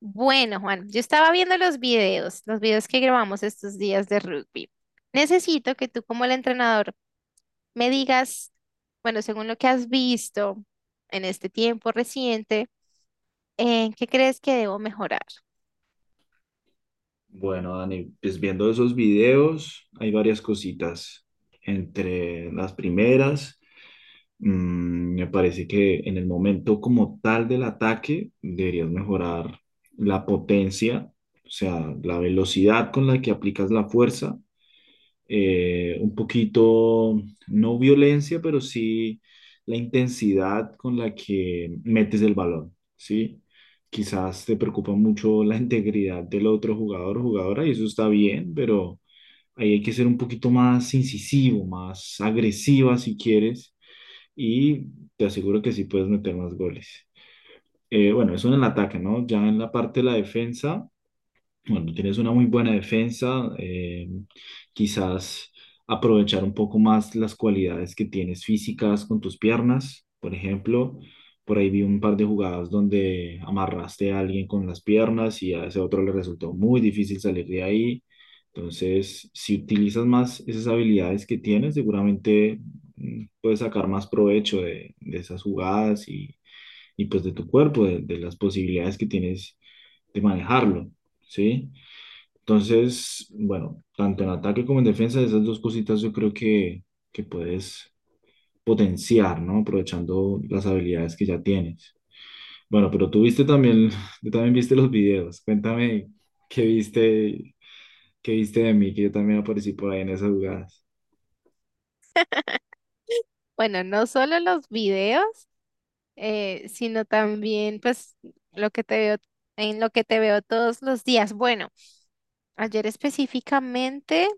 Bueno, Juan, yo estaba viendo los videos que grabamos estos días de rugby. Necesito que tú como el entrenador me digas, bueno, según lo que has visto en este tiempo reciente, ¿qué crees que debo mejorar? Bueno, Dani, pues viendo esos videos hay varias cositas. Entre las primeras, me parece que en el momento como tal del ataque deberías mejorar la potencia, o sea, la velocidad con la que aplicas la fuerza un poquito, no violencia, pero sí la intensidad con la que metes el balón, ¿sí? Quizás te preocupa mucho la integridad del otro jugador o jugadora y eso está bien, pero ahí hay que ser un poquito más incisivo, más agresiva si quieres y te aseguro que sí puedes meter más goles. Bueno, eso en el ataque, ¿no? Ya en la parte de la defensa, bueno, tienes una muy buena defensa, quizás aprovechar un poco más las cualidades que tienes físicas con tus piernas, por ejemplo. Por ahí vi un par de jugadas donde amarraste a alguien con las piernas y a ese otro le resultó muy difícil salir de ahí. Entonces, si utilizas más esas habilidades que tienes, seguramente puedes sacar más provecho de esas jugadas y pues de tu cuerpo, de las posibilidades que tienes de manejarlo, ¿sí? Entonces, bueno, tanto en ataque como en defensa, esas dos cositas yo creo que puedes potenciar, ¿no? Aprovechando las habilidades que ya tienes. Bueno, pero tú viste también, tú también viste los videos. Cuéntame qué viste, qué viste de mí, que yo también aparecí por ahí en esas jugadas. Bueno, no solo los videos, sino también pues lo que te veo, en lo que te veo todos los días. Bueno, ayer específicamente,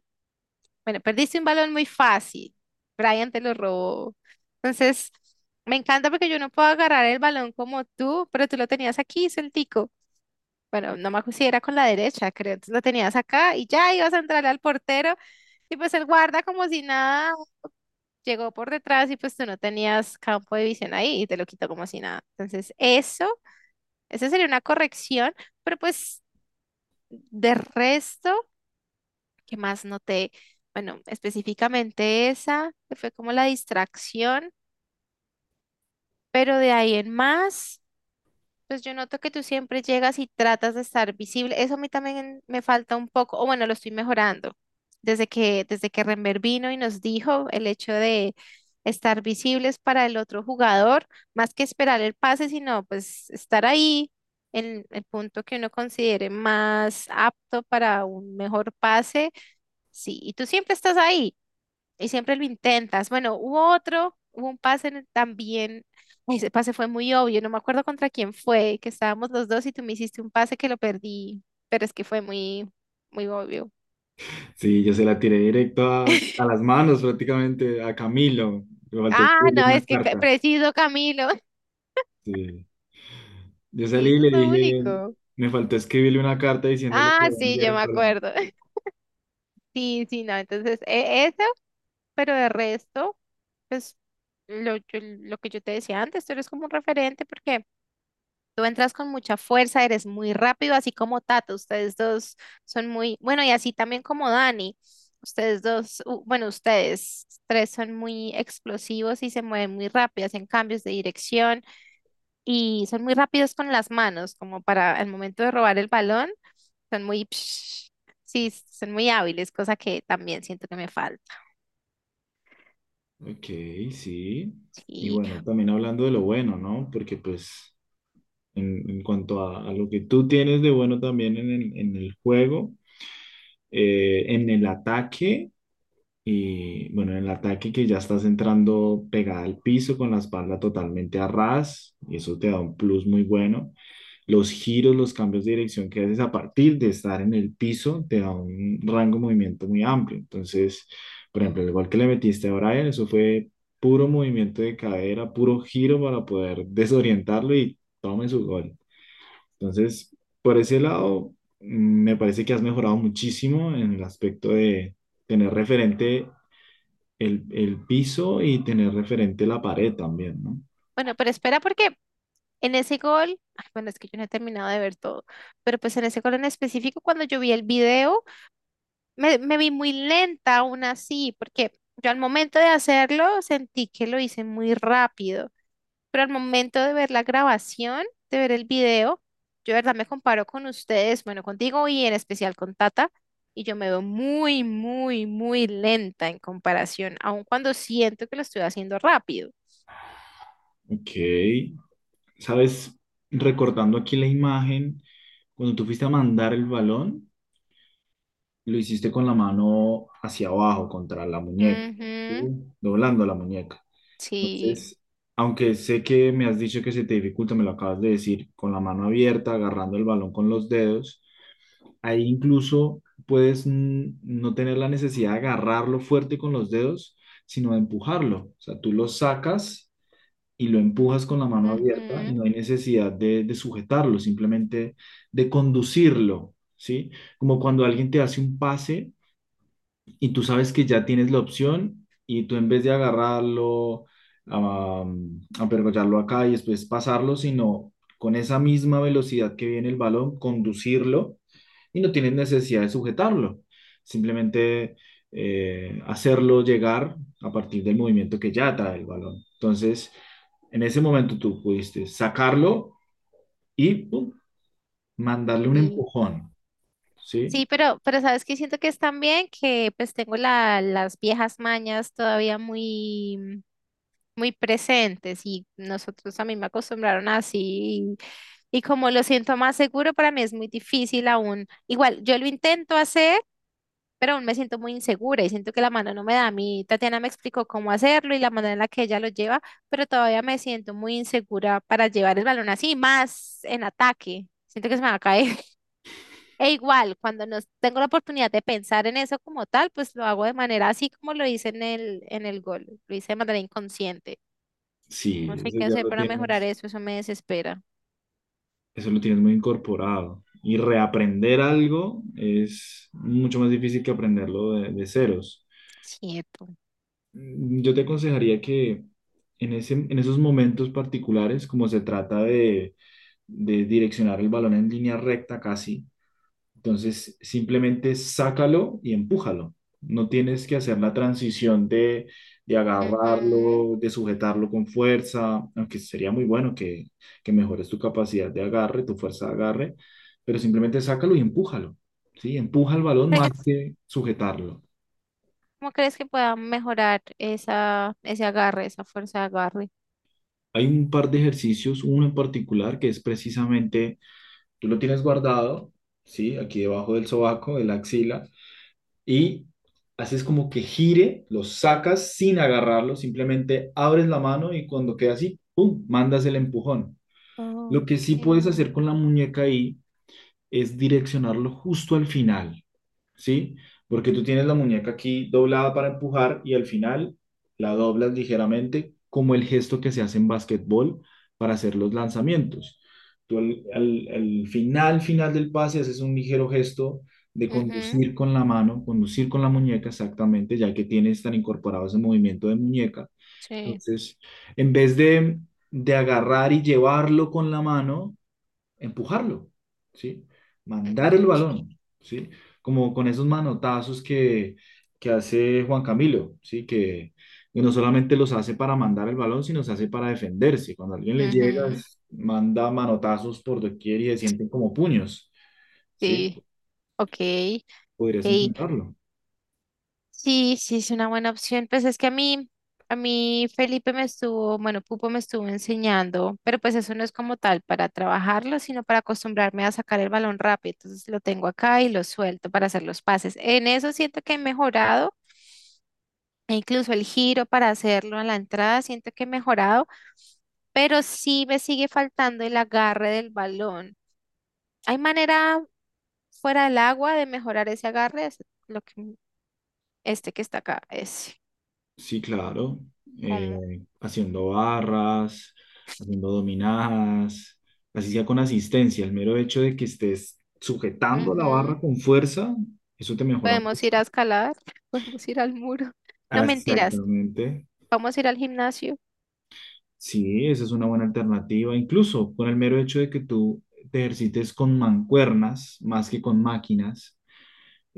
bueno, perdiste un balón muy fácil. Brian te lo robó. Entonces, me encanta porque yo no puedo agarrar el balón como tú, pero tú lo tenías aquí, sueltico. Bueno, no me acuerdo si era con la derecha, creo. Entonces lo tenías acá y ya ibas a entrar al portero y pues el guarda como si nada llegó por detrás y pues tú no tenías campo de visión ahí y te lo quitó como si nada. Entonces, eso esa sería una corrección, pero pues de resto, ¿qué más noté? Bueno, específicamente esa, que fue como la distracción, pero de ahí en más. Pues yo noto que tú siempre llegas y tratas de estar visible. Eso a mí también me falta un poco, o bueno, lo estoy mejorando. Desde que Renber vino y nos dijo el hecho de estar visibles para el otro jugador, más que esperar el pase, sino pues estar ahí en el punto que uno considere más apto para un mejor pase. Sí, y tú siempre estás ahí y siempre lo intentas. Bueno, hubo un pase en también, ay, ese pase fue muy obvio, no me acuerdo contra quién fue, que estábamos los dos y tú me hiciste un pase que lo perdí, pero es que fue muy, muy obvio. Sí, yo se la tiré directo a las manos prácticamente, a Camilo. Me faltó Ah, escribirle no, una es que carta. preciso, Camilo. Sí. Yo Sí, salí y eso es le lo dije, único. me faltó escribirle una carta diciéndole que Ah, lo voy a sí, enviar yo el me balón. acuerdo. Sí, sí, no, entonces eso, pero de resto, pues lo que yo te decía antes, tú eres como un referente porque tú entras con mucha fuerza, eres muy rápido, así como Tato. Ustedes dos son muy, bueno, y así también como Dani. Bueno, ustedes tres son muy explosivos y se mueven muy rápido, hacen cambios de dirección y son muy rápidos con las manos, como para el momento de robar el balón, son muy, sí, son muy hábiles, cosa que también siento que me falta. Ok, sí. Y Y bueno, también hablando de lo bueno, ¿no? Porque pues en cuanto a lo que tú tienes de bueno también en en el juego, en el ataque, y bueno, en el ataque que ya estás entrando pegada al piso con la espalda totalmente a ras, y eso te da un plus muy bueno los giros, los cambios de dirección que haces a partir de estar en el piso te da un rango de movimiento muy amplio. Entonces, por ejemplo, igual que le metiste a Brian, eso fue puro movimiento de cadera, puro giro para poder desorientarlo y tome su gol. Entonces, por ese lado, me parece que has mejorado muchísimo en el aspecto de tener referente el piso y tener referente la pared también, ¿no? bueno, pero espera porque en ese gol, ay, bueno, es que yo no he terminado de ver todo, pero pues en ese gol en específico, cuando yo vi el video, Me vi muy lenta aún así, porque yo al momento de hacerlo sentí que lo hice muy rápido, pero al momento de ver la grabación, de ver el video, yo de verdad me comparo con ustedes, bueno, contigo y en especial con Tata, y yo me veo muy, muy, muy lenta en comparación, aun cuando siento que lo estoy haciendo rápido. Ok. Sabes, recordando aquí la imagen, cuando tú fuiste a mandar el balón, lo hiciste con la mano hacia abajo, contra la muñeca, ¿sí? Ujú, Doblando la muñeca. sí, Entonces, aunque sé que me has dicho que se te dificulta, me lo acabas de decir, con la mano abierta, agarrando el balón con los dedos, ahí incluso puedes no tener la necesidad de agarrarlo fuerte con los dedos, sino de empujarlo. O sea, tú lo sacas y lo empujas con la mano abierta y ujú, no hay necesidad de sujetarlo, simplemente de conducirlo, ¿sí? Como cuando alguien te hace un pase y tú sabes que ya tienes la opción y tú en vez de agarrarlo, a apergollarlo acá y después pasarlo, sino con esa misma velocidad que viene el balón, conducirlo y no tienes necesidad de sujetarlo. Simplemente hacerlo llegar a partir del movimiento que ya trae el balón. Entonces, en ese momento tú pudiste sacarlo y pum, mandarle un empujón, ¿sí? sí, pero sabes que siento que es también que pues tengo la, las viejas mañas todavía muy, muy presentes y nosotros a mí me acostumbraron así y como lo siento más seguro, para mí es muy difícil aún. Igual, yo lo intento hacer, pero aún me siento muy insegura y siento que la mano no me da. A mí Tatiana me explicó cómo hacerlo y la manera en la que ella lo lleva, pero todavía me siento muy insegura para llevar el balón así, más en ataque. Siento que se me va a caer. E igual, cuando nos tengo la oportunidad de pensar en eso como tal, pues lo hago de manera así como lo hice en el gol, lo hice de manera inconsciente. No Sí, sé eso qué ya hacer lo para mejorar tienes eso, eso me desespera. eso lo tienes muy incorporado. Y reaprender algo es mucho más difícil que aprenderlo de ceros. Cierto. Yo te aconsejaría que en esos momentos particulares, como se trata de direccionar el balón en línea recta casi, entonces, simplemente sácalo y empújalo. No tienes que hacer la transición de Ujú. agarrarlo, de sujetarlo con fuerza, aunque sería muy bueno que mejores tu capacidad de agarre, tu fuerza de agarre, pero simplemente sácalo y empújalo, ¿sí? Empuja el balón más ¿Crees- que sujetarlo. ¿Cómo crees que pueda mejorar ese agarre, esa fuerza de agarre? Hay un par de ejercicios, uno en particular que es precisamente, tú lo tienes guardado, ¿sí? Aquí debajo del sobaco, de la axila, y haces como que gire, lo sacas sin agarrarlo, simplemente abres la mano y cuando queda así, ¡pum!, mandas el empujón. Lo que sí puedes Okay. hacer con la muñeca ahí es direccionarlo justo al final, ¿sí? Porque tú tienes la muñeca aquí doblada para empujar y al final la doblas ligeramente como el gesto que se hace en básquetbol para hacer los lanzamientos. Tú al final, final del pase haces un ligero gesto de Ujú, conducir con la mano, conducir con la muñeca exactamente, ya que tienes tan incorporado ese movimiento de muñeca. sí. Entonces, en vez de agarrar y llevarlo con la mano, empujarlo, ¿sí? Mandar el balón, ¿sí? Como con esos manotazos que hace Juan Camilo, ¿sí? Que no solamente los hace para mandar el balón, sino se hace para defenderse. Cuando alguien le llega, Ujú, manda manotazos por doquier y se sienten como puños, ¿sí? sí, ok. Podrías Ok. intentarlo. Sí, sí, es una buena opción. Pues es que a mí Felipe me estuvo, bueno, Pupo me estuvo enseñando, pero pues eso no es como tal para trabajarlo, sino para acostumbrarme a sacar el balón rápido. Entonces lo tengo acá y lo suelto para hacer los pases. En eso siento que he mejorado, e incluso el giro para hacerlo a la entrada, siento que he mejorado, pero sí me sigue faltando el agarre del balón. ¿Hay manera fuera del agua de mejorar ese agarre? Es lo que, este que está acá, es. Sí, claro. Haciendo barras, haciendo dominadas, así sea con asistencia. El mero hecho de que estés sujetando la barra Ujú. con fuerza, eso te mejora Podemos ir a mucho. escalar, podemos ir al muro. No mentiras, Exactamente. vamos a ir al gimnasio. Sí, esa es una buena alternativa. Incluso con el mero hecho de que tú te ejercites con mancuernas más que con máquinas.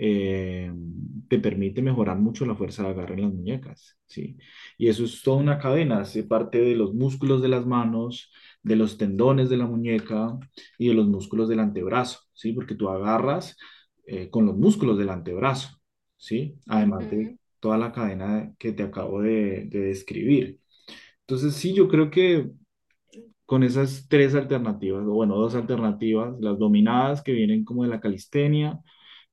eh, Te permite mejorar mucho la fuerza de agarre en las muñecas, ¿sí? Y eso es toda una cadena, hace parte de los músculos de las manos, de los tendones de la muñeca y de los músculos del antebrazo, ¿sí? Porque tú agarras con los músculos del antebrazo, ¿sí? Además de Ujú. toda la cadena que te acabo de describir. Entonces, sí, yo creo que con esas tres alternativas, o bueno, dos alternativas, las dominadas que vienen como de la calistenia,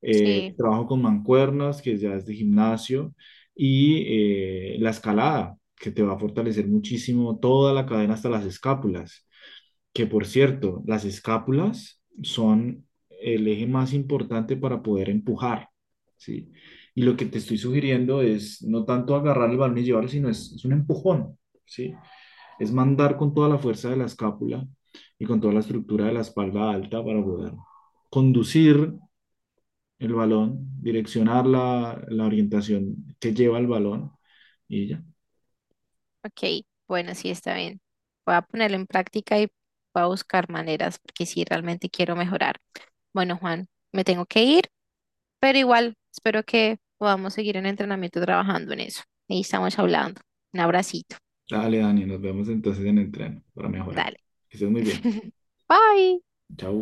Sí, trabajo con mancuernas, que ya es de gimnasio, y la escalada, que te va a fortalecer muchísimo toda la cadena hasta las escápulas, que por cierto, las escápulas son el eje más importante para poder empujar, ¿sí? Y lo que te estoy sugiriendo es no tanto agarrar el balón y llevarlo, sino es un empujón, ¿sí? Es mandar con toda la fuerza de la escápula y con toda la estructura de la espalda alta para poder conducir el balón, direccionar la orientación que lleva el balón y ya. ok, bueno, sí está bien. Voy a ponerlo en práctica y voy a buscar maneras porque sí, realmente quiero mejorar. Bueno, Juan, me tengo que ir, pero igual espero que podamos seguir en entrenamiento trabajando en eso. Y estamos hablando. Un abracito. Dale, Dani, nos vemos entonces en el tren para mejorar. Dale. Que estés muy bien. Bye. Chau.